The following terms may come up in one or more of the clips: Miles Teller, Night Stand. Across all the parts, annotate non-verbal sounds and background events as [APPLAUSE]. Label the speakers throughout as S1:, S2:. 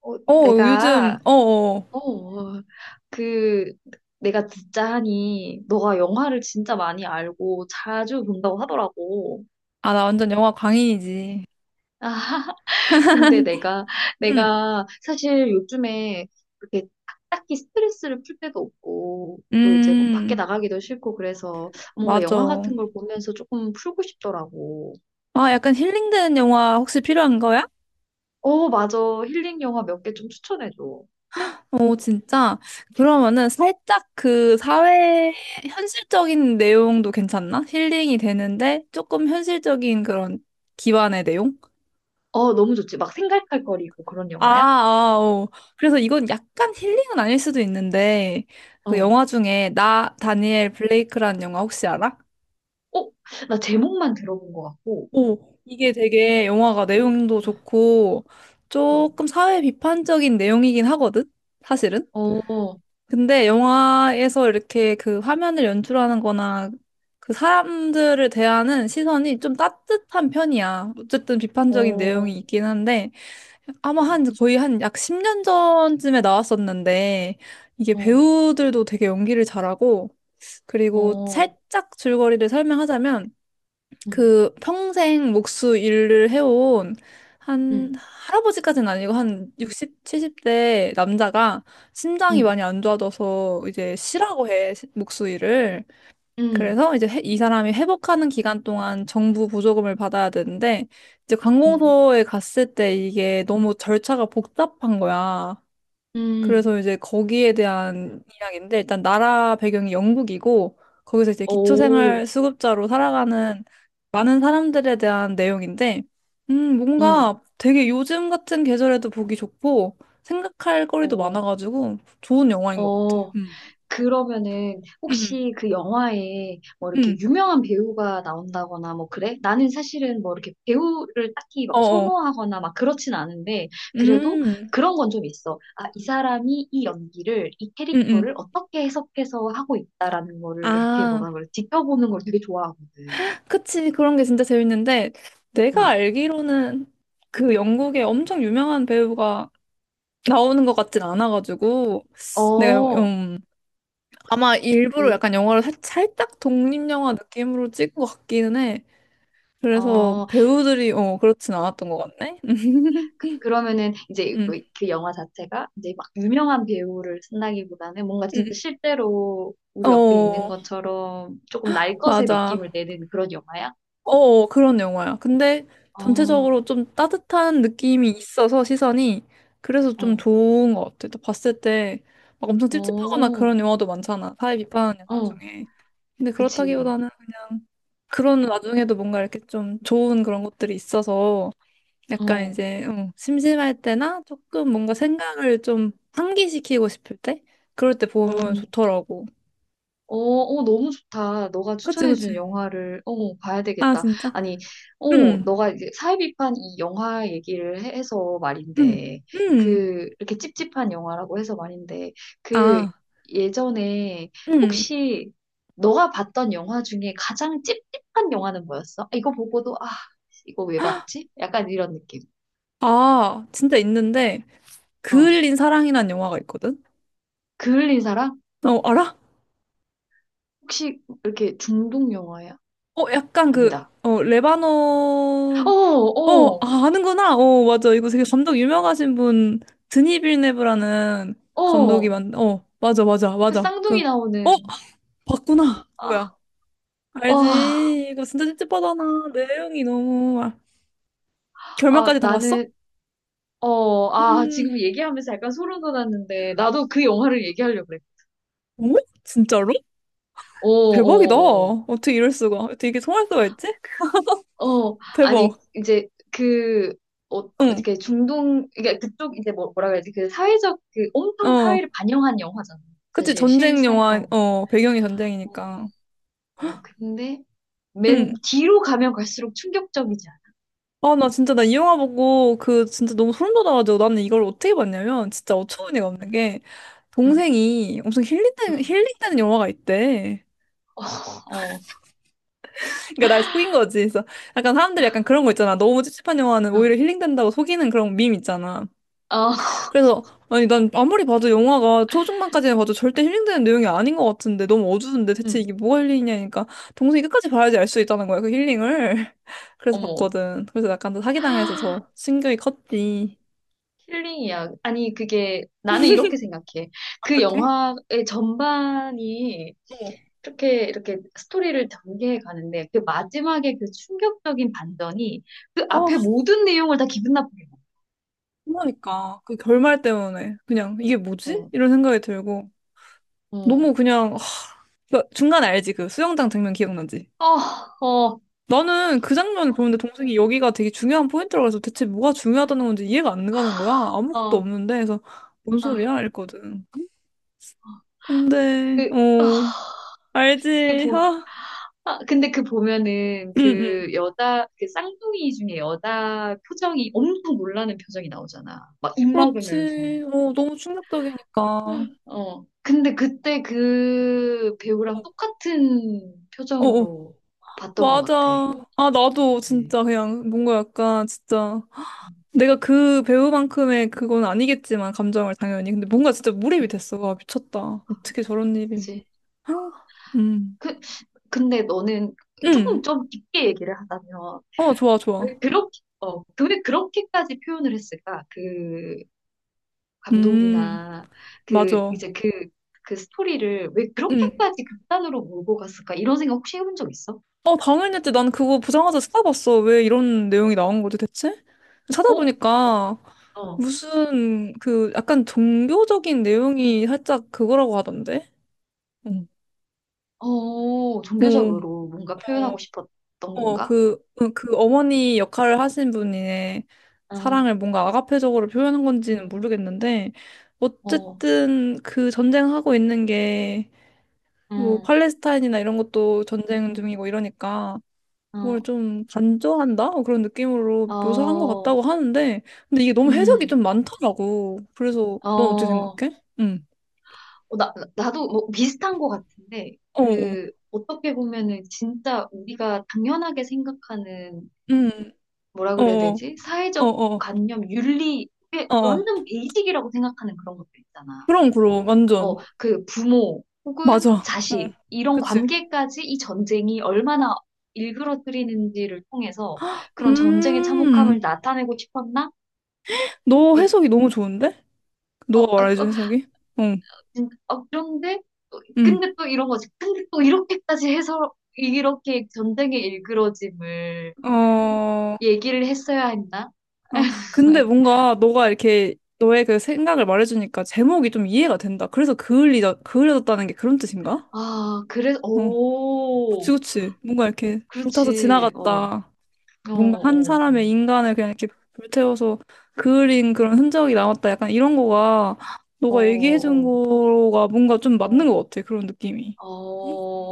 S1: 어, 요즘,
S2: 내가
S1: 어, 어.
S2: 어, 그 내가 듣자 하니 너가 영화를 진짜 많이 알고 자주 본다고 하더라고.
S1: 아, 나 완전 영화 광인이지.
S2: 아, 근데 내가
S1: 음,
S2: 내가 사실 요즘에 그렇게 딱히 스트레스를 풀 때도 없고 또 이제 뭐 밖에
S1: 음,
S2: 나가기도 싫고 그래서 뭔가 영화
S1: 맞아.
S2: 같은 걸 보면서 조금 풀고 싶더라고.
S1: 아, 약간 힐링되는 영화 혹시 필요한 거야?
S2: 어, 맞아. 힐링 영화 몇 개 좀 추천해줘.
S1: 어, 진짜? 그러면은 살짝 그 사회 현실적인 내용도 괜찮나? 힐링이 되는데 조금 현실적인 그런 기반의 내용?
S2: 어, 너무 좋지. 막 생각할 거리고 그런
S1: 아,
S2: 영화야?
S1: 아, 어. 그래서 이건 약간 힐링은 아닐 수도 있는데, 그
S2: 어.
S1: 영화 중에 나, 다니엘 블레이크라는 영화 혹시 알아?
S2: 어, 나 제목만 들어본 것 같고.
S1: 오, 이게 되게 영화가 내용도 좋고
S2: 어,
S1: 조금 사회 비판적인 내용이긴 하거든, 사실은.
S2: 어,
S1: 근데 영화에서 이렇게 그 화면을 연출하는 거나 그 사람들을 대하는 시선이 좀 따뜻한 편이야. 어쨌든 비판적인
S2: 어,
S1: 내용이 있긴 한데 아마 한 거의 한 약 10년 전쯤에 나왔었는데 이게
S2: 어,
S1: 배우들도 되게 연기를 잘하고 그리고
S2: 어,
S1: 살짝 줄거리를 설명하자면
S2: 음,
S1: 그 평생 목수 일을 해온 한
S2: 음,
S1: 할아버지까지는 아니고 한 60, 70대 남자가 심장이
S2: 음,
S1: 많이 안 좋아져서 이제 쉬라고 해, 목수 일을.
S2: 음,
S1: 그래서 이제 이 사람이 회복하는 기간 동안 정부 보조금을 받아야 되는데 이제
S2: 음,
S1: 관공서에 갔을 때 이게 너무 절차가 복잡한 거야.
S2: 음, 음,
S1: 그래서 이제 거기에 대한 이야기인데 일단 나라 배경이 영국이고 거기서 이제
S2: 오,
S1: 기초생활 수급자로 살아가는 많은 사람들에 대한 내용인데
S2: 음,
S1: 뭔가 되게 요즘 같은 계절에도 보기 좋고 생각할 거리도
S2: 어,
S1: 많아가지고 좋은 영화인 것 같아.
S2: 어,
S1: 음.
S2: 그러면은
S1: 음,
S2: 혹시 그 영화에 뭐
S1: 음,
S2: 이렇게
S1: 음.
S2: 유명한 배우가 나온다거나 뭐 그래? 나는 사실은 뭐 이렇게 배우를 딱히 막
S1: 어어.
S2: 선호하거나 막 그렇진 않은데 그래도
S1: 음,
S2: 그런 건 좀 있어. 아, 이 사람이 이 연기를 이
S1: 음, 음.
S2: 캐릭터를 어떻게 해석해서 하고 있다라는 거를 이렇게
S1: 아,
S2: 뭐라 그래? 지켜보는 걸 되게 좋아하거든.
S1: 그치. 그런 게 진짜 재밌는데, 내가
S2: 응.
S1: 알기로는 그 영국의 엄청 유명한 배우가 나오는 것 같진 않아가지고 내가
S2: 어,
S1: 아마 일부러
S2: 그,
S1: 약간 영화를 살짝 독립영화 느낌으로 찍은 것 같기는 해. 그래서
S2: 어,
S1: 배우들이 그렇진 않았던 것 같네. [LAUGHS]
S2: 그러면은 이제
S1: 음.
S2: 뭐그 영화 자체가 이제 막 유명한 배우를 쓴다기보다는 뭔가 진짜
S1: 음.
S2: 실제로 우리 옆에 있는
S1: 어
S2: 것처럼 조금 날 것의
S1: 맞아.
S2: 느낌을 내는 그런 영화야?
S1: 어 어, 그런 영화야. 근데
S2: 어,
S1: 전체적으로 좀 따뜻한 느낌이 있어서 시선이 그래서 좀
S2: 어,
S1: 좋은 것 같아. 또 봤을 때 막 엄청 찝찝하거나
S2: 어,
S1: 그런 영화도 많잖아. 사회 비판하는 영화
S2: 어,
S1: 중에. 근데
S2: 그치.
S1: 그렇다기보다는 그런 와중에도 뭔가 이렇게 좀 좋은 그런 것들이 있어서 약간
S2: 어,
S1: 이제 어, 심심할 때나 조금 뭔가 생각을 좀 환기시키고 싶을 때 그럴 때
S2: 어.
S1: 보면 좋더라고.
S2: 어, 어, 너무 좋다. 너가
S1: 그치,
S2: 추천해준
S1: 그치.
S2: 영화를, 봐야
S1: 아,
S2: 되겠다.
S1: 진짜?
S2: 아니,
S1: 음,
S2: 너가 이제 사회비판 이 영화 얘기를 해서
S1: 음,
S2: 말인데,
S1: 음.
S2: 이렇게 찝찝한 영화라고 해서 말인데, 그,
S1: 아,
S2: 예전에
S1: 음.
S2: 혹시 너가 봤던 영화 중에 가장 찝찝한 영화는 뭐였어? 아, 이거 보고도, 아, 이거 왜 봤지? 약간 이런 느낌.
S1: 아, 진짜 있는데
S2: 어.
S1: 그을린 사랑이란 영화가 있거든?
S2: 그을린 사랑?
S1: 어, 알아?
S2: 혹시 이렇게 중독 영화야?
S1: 어, 약간 그,
S2: 아니다.
S1: 어, 레바논,
S2: 어,
S1: 어,
S2: 어,
S1: 아, 아는구나. 어, 맞아. 이거 되게 감독 유명하신 분, 드니 빌네브라는 감독이
S2: 어.
S1: 만, 어, 맞아, 맞아,
S2: 그
S1: 맞아. 그,
S2: 쌍둥이
S1: 어,
S2: 나오는.
S1: 봤구나.
S2: 아,
S1: 뭐야.
S2: 와,
S1: 알지. 이거 진짜 찝찝하잖아. 내용이 너무, 아,
S2: 아,
S1: 결말까지 다 봤어?
S2: 나는, 어, 아,
S1: 음,
S2: 지금 얘기하면서 약간 소름 돋았는데, 나도 그 영화를 얘기하려고 그래.
S1: 어? 진짜로?
S2: 어,
S1: 대박이다.
S2: 어,
S1: 어떻게 이럴 수가. 어떻게 이게 통할 수가 있지?
S2: 어, 어, 아니,
S1: 대박.
S2: 이제 그,
S1: 응,
S2: 이렇게 중동, 그러니까 그쪽 이제 뭐, 뭐라 그래야지, 그 사회적, 그 온통
S1: 어.
S2: 사회를 반영한 영화잖아.
S1: 그치,
S2: 사실
S1: 전쟁
S2: 실생,
S1: 영화,
S2: 어,
S1: 어, 배경이
S2: 어,
S1: 전쟁이니까.
S2: 어, 근데 맨
S1: 응.
S2: 뒤로 가면 갈수록 충격적이지 않아?
S1: 아, 나 진짜, 나 이 영화 보고, 그, 진짜 너무 소름 돋아가지고, 나는 이걸 어떻게 봤냐면, 진짜 어처구니가 없는 게,
S2: 응,
S1: 동생이 엄청 힐링되는,
S2: 응,
S1: 힐링되는 영화가 있대.
S2: 어,
S1: 그러니까 날 속인 거지. 그래서 약간 사람들이 약간 그런 거 있잖아. 너무 찝찝한 영화는 오히려
S2: 응,
S1: 힐링된다고 속이는 그런 밈 있잖아.
S2: 어, [LAUGHS]
S1: 그래서, 아니, 난 아무리 봐도 영화가 초중반까지는 봐도 절대 힐링되는 내용이 아닌 것 같은데, 너무 어두운데 대체
S2: 응,
S1: 이게 뭐가 힐링이냐니까, 동생이 끝까지 봐야지 알 수 있다는 거야, 그 힐링을. [LAUGHS] 그래서
S2: 어머.
S1: 봤거든. 그래서 약간 더 사기당해서 더 충격이 컸지.
S2: 힐링이야. 아니, 그게, 나는 이렇게 생각해. 그
S1: 어떡해?
S2: 영화의 전반이
S1: 어.
S2: 이렇게 스토리를 전개해 가는데, 그 마지막에 그 충격적인 반전이 그
S1: 아,
S2: 앞에 모든 내용을 다 기분 나쁘게
S1: 그러니까. 그 결말 때문에. 그냥, 이게 뭐지?
S2: 만들어.
S1: 이런 생각이 들고.
S2: 어, 어,
S1: 너무 그냥, 하, 그러니까 중간에 알지? 그 수영장 장면 기억나지?
S2: 어, 어,
S1: 나는 그 장면을 보는데 동생이 여기가 되게 중요한 포인트라고 해서 대체 뭐가 중요하다는 건지 이해가 안 가는 거야. 아무것도
S2: 어,
S1: 없는데. 그래서, 뭔
S2: 아,
S1: 소리야? 이랬거든. 근데,
S2: 그,
S1: 어,
S2: 아, 그
S1: 알지?
S2: 보,
S1: 아,
S2: 근데 그 보면은
S1: 응, 응.
S2: 그 여자, 그 쌍둥이 중에 여자 표정이 엄청 놀라는 표정이 나오잖아. 막 입 막으면서.
S1: 그렇지. 어, 너무 충격적이니까. 어,
S2: 어. 근데 그때 그 배우랑 똑같은
S1: 어, 어.
S2: 표정으로 봤던 것
S1: 맞아.
S2: 같아.
S1: 아, 나도
S2: 네.
S1: 진짜 그냥 뭔가 약간 진짜. 내가 그 배우만큼의 그건 아니겠지만 감정을 당연히 근데 뭔가 진짜 몰입이 됐어. 와, 미쳤다. 어떻게 저런 일이.
S2: 그지?
S1: [GASPS]
S2: 그, 근데 너는 조금
S1: 음음어
S2: 좀 깊게 얘기를 하자면,
S1: 좋아 좋아
S2: 왜 그렇게, 왜 그렇게까지 표현을 했을까? 그
S1: 음
S2: 감독이나 그,
S1: 맞아
S2: 이제 그, 그 스토리를 왜
S1: 음어
S2: 그렇게까지 극단으로 몰고 갔을까? 이런 생각 혹시 해본 적 있어?
S1: 당연했지. 난 그거 보자마자 찾아봤어. 왜 이런 내용이 나온 거지 대체.
S2: 어? 어,
S1: 찾아보니까
S2: 어,
S1: 무슨 그 약간 종교적인 내용이 살짝 그거라고 하던데 응
S2: 어,
S1: 어
S2: 종교적으로 뭔가 표현하고 싶었던
S1: 어,
S2: 건가?
S1: 그, 어, 그 어머니 역할을 하신 분의
S2: 어.
S1: 사랑을 뭔가 아가페적으로 표현한 건지는 모르겠는데,
S2: 어,
S1: 어쨌든 그 전쟁하고 있는 게, 뭐,
S2: 음,
S1: 팔레스타인이나 이런 것도 전쟁 중이고 이러니까, 그걸
S2: 어,
S1: 좀 간조한다? 어, 그런 느낌으로 묘사한 것
S2: 어,
S1: 같다고 하는데, 근데 이게 너무 해석이
S2: 음,
S1: 좀 많더라고. 그래서,
S2: 어,
S1: 넌 어떻게
S2: 어,
S1: 생각해? 응.
S2: 나도 뭐 비슷한 것 같은데,
S1: 어어.
S2: 어떻게 보면은 진짜 우리가 당연하게 생각하는,
S1: 응.
S2: 뭐라 그래야
S1: 어어.
S2: 되지? 사회적
S1: 어어.
S2: 관념, 윤리, 이게
S1: 어어.
S2: 완전 베이직이라고 생각하는 그런 것들 있잖아.
S1: 그럼, 그럼.
S2: 어,
S1: 완전.
S2: 그 부모 혹은
S1: 맞아. 응.
S2: 자식, 이런
S1: 그치.
S2: 관계까지 이 전쟁이 얼마나 일그러뜨리는지를 통해서 그런 전쟁의 참혹함을
S1: 음,
S2: 나타내고 싶었나?
S1: 너
S2: 그,
S1: 해석이 너무 좋은데?
S2: 어,
S1: 너가
S2: 아,
S1: 말해준
S2: 어,
S1: 해석이? 응,
S2: 그런데 또,
S1: 응.
S2: 근데 또 이런 거지. 근데 또 이렇게까지 해서 이렇게 전쟁의 일그러짐을
S1: 어,
S2: 얘기를 했어야 했나?
S1: 아, 근데
S2: [LAUGHS]
S1: 뭔가 너가 이렇게 너의 그 생각을 말해주니까 제목이 좀 이해가 된다. 그래서 그을리다, 그을려졌다는 게 그런 뜻인가?
S2: 아, 그래서
S1: 어, 그치,
S2: 오,
S1: 그치. 뭔가 이렇게 불타서
S2: 그렇지. 어,
S1: 지나갔다.
S2: 어,
S1: 뭔가 한
S2: 어,
S1: 사람의 인간을 그냥 이렇게 불태워서 그을린 그런 흔적이 남았다. 약간 이런 거가
S2: 어,
S1: 너가 얘기해준
S2: 어,
S1: 거가 뭔가 좀 맞는 것 같아. 그런 느낌이.
S2: 어,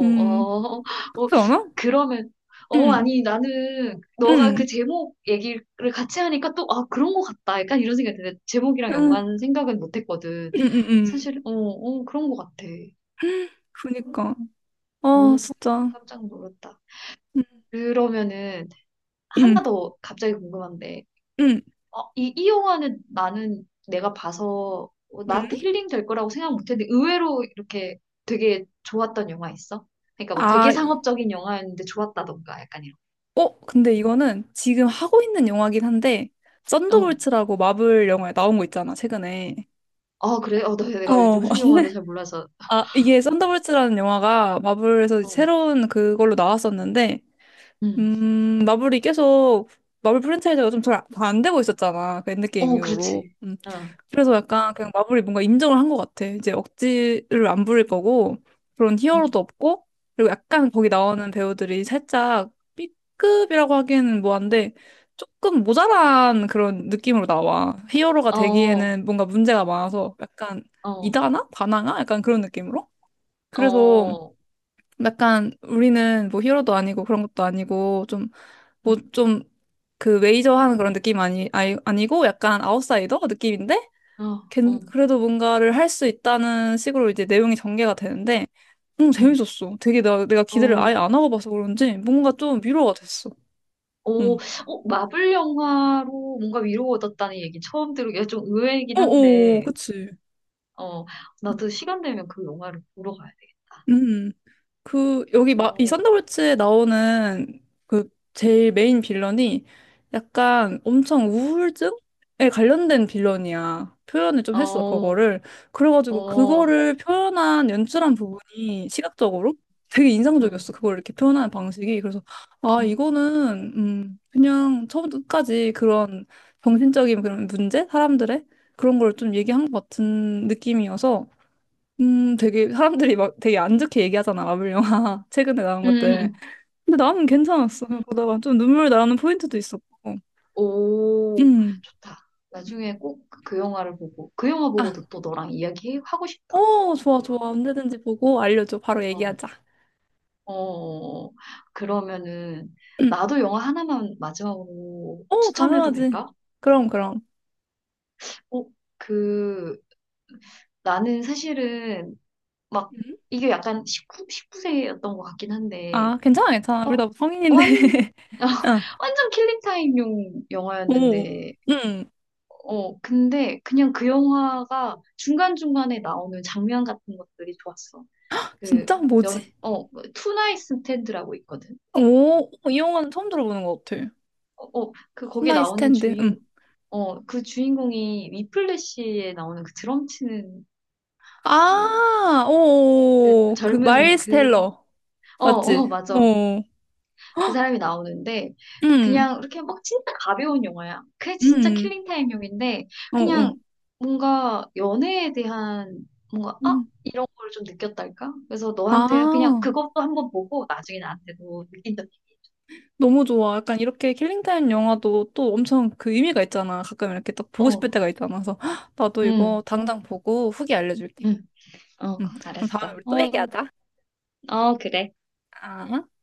S1: 음,
S2: 어, 어,
S1: 그렇지 않아?
S2: 그러면.
S1: 응.
S2: 아니, 나는, 너가 그
S1: 응.
S2: 제목 얘기를 같이 하니까 또, 아, 그런 거 같다. 약간 이런 생각이 드데 제목이랑
S1: 응,
S2: 연관 생각은 못 했거든.
S1: 응, 응, 응.
S2: 사실, 어, 어, 그런 거 같아.
S1: 그니까. 아,
S2: 몸통에서
S1: 진짜.
S2: 깜짝 놀랐다.
S1: 응,
S2: 그러면은
S1: 응,
S2: 하나 더 갑자기 궁금한데,
S1: 응.
S2: 이 영화는 나는 내가 봐서 어, 나한테
S1: 응.
S2: 힐링 될 거라고 생각 못했는데 의외로 이렇게 되게 좋았던 영화 있어? 그러니까 뭐 되게
S1: 아,
S2: 상업적인 영화였는데 좋았다던가 약간 이런.
S1: 어, 근데 이거는 지금 하고 있는 영화긴 한데,
S2: 어,
S1: 썬더볼츠라고 마블 영화에 나온 거 있잖아, 최근에.
S2: 아 그래? 내가
S1: 어,
S2: 요즘
S1: [LAUGHS]
S2: 영화를 잘 몰라서.
S1: 아, 이게 썬더볼츠라는 영화가 마블에서
S2: 어,
S1: 새로운 그걸로 나왔었는데,
S2: 음,
S1: 음, 마블이 계속, 마블 프랜차이즈가 좀 잘 안 되고 있었잖아. 그 엔드게임
S2: 어, 그렇지.
S1: 이후로. 음.
S2: 어,
S1: 그래서 약간 그냥 마블이 뭔가 인정을 한 것 같아. 이제 억지를 안 부릴 거고, 그런
S2: 음.
S1: 히어로도 없고, 그리고 약간 거기 나오는 배우들이 살짝 B급이라고 하기에는 뭐한데, 조금 모자란 그런 느낌으로 나와. 히어로가
S2: 어, 어,
S1: 되기에는 뭔가 문제가 많아서 약간 이다나? 다나가? 약간 그런 느낌으로? 그래서
S2: 어,
S1: 약간 우리는 뭐 히어로도 아니고 그런 것도 아니고 좀 뭐
S2: 음,
S1: 좀 그 메이저 하는 그런 느낌 아니, 아니 아니고 약간 아웃사이더 느낌인데
S2: 어, 어,
S1: 그래도 뭔가를 할 수 있다는 식으로 이제 내용이 전개가 되는데 응
S2: 음,
S1: 재밌었어. 되게 내가 기대를 아예
S2: 어.
S1: 안 하고 봐서 그런지 뭔가 좀 위로가 됐어.
S2: 오,
S1: 응.
S2: 어, 마블 영화로 뭔가 위로가 얻었다는 얘기 처음 들으기가 좀 의외이긴
S1: 어어
S2: 한데,
S1: 그치.
S2: 어, 나도 시간 되면 그 영화를 보러 가야 돼.
S1: 음. 그 이
S2: 어,
S1: 썬더볼츠에 나오는 그 제일 메인 빌런이 약간 엄청 우울증에 관련된 빌런이야. 표현을 좀 했어,
S2: 어,
S1: 그거를. 그래가지고
S2: 어,
S1: 그거를 표현한 연출한 부분이 시각적으로 되게
S2: 응,
S1: 인상적이었어. 그걸 이렇게 표현하는 방식이. 그래서 아,
S2: 응,
S1: 이거는 그냥 처음부터 끝까지 그런 정신적인 그런 문제, 사람들의 그런 걸 좀 얘기한 것 같은 느낌이어서 되게 사람들이 막 되게 안 좋게 얘기하잖아, 마블 영화. [LAUGHS] 최근에 나온
S2: 응, 응,
S1: 것들.
S2: 응.
S1: 근데 나는 괜찮았어. 그냥 보다가 좀 눈물 나는 포인트도 있었고.
S2: 오,
S1: 음.
S2: 좋다. 나중에 꼭 그 영화를 보고, 그 영화
S1: 아,
S2: 보고도 또 너랑 이야기하고 싶다.
S1: 어, 좋아, 좋아. 언제든지 보고 알려줘. 바로
S2: 어,
S1: 얘기하자.
S2: 어, 그러면은,
S1: 음.
S2: 나도 영화 하나만 마지막으로
S1: 어,
S2: 추천해도
S1: 당연하지.
S2: 될까?
S1: 그럼, 그럼.
S2: 어, 그, 나는 사실은 막
S1: 음?
S2: 이게 약간 19, 십구 세였던 것 같긴 한데
S1: 아, 괜찮아, 괜찮아.
S2: 어,
S1: 우리 다 성인인데.
S2: 완,
S1: [LAUGHS]
S2: [LAUGHS] 어,
S1: 아,
S2: 완전 킬링타임용
S1: 오,
S2: 영화였는데
S1: 음.
S2: 어, 근데 그냥 그 영화가 중간중간에 나오는 장면 같은 것들이 좋았어. 그
S1: 진짜? 뭐지?
S2: 연, 어, 투나잇 스탠드라고 있거든.
S1: 오, 어, 이 영화는 처음 들어보는 것 같아.
S2: 어, 어, 그 거기에
S1: 나이
S2: 나오는
S1: 스탠드.
S2: 주인
S1: 음.
S2: 어, 그 주인공이 위플래시에 나오는 그 드럼 치는 그,
S1: 아,
S2: 그
S1: 오, 그,
S2: 젊은
S1: 마일스
S2: 그,
S1: 텔러. 맞지?
S2: 어, 맞아.
S1: 어.
S2: 그 사람이 나오는데
S1: 음,
S2: 그냥 이렇게 막 진짜 가벼운 영화야. 그게 진짜
S1: 음,
S2: 킬링타임용인데
S1: 어,
S2: 그냥
S1: 어,
S2: 뭔가 연애에 대한 뭔가 아
S1: 음.
S2: 이런 걸 좀 느꼈달까? 그래서 너한테 그냥
S1: 아,
S2: 그것도 한번 보고 나중에 나한테도 느낀다.
S1: 너무 좋아. 약간 이렇게 킬링타임 영화도 또 엄청 그 의미가 있잖아. 가끔 이렇게 딱 보고
S2: 어,
S1: 싶을 때가 있잖아. 그래서 [GASPS] 헉, 나도 이거
S2: 응,
S1: 당장 보고 후기 알려줄게.
S2: 응, 어,
S1: 그럼 다음에
S2: 알았어.
S1: 우리 또
S2: 어,
S1: 얘기하자.
S2: 어, 그래.
S1: 아.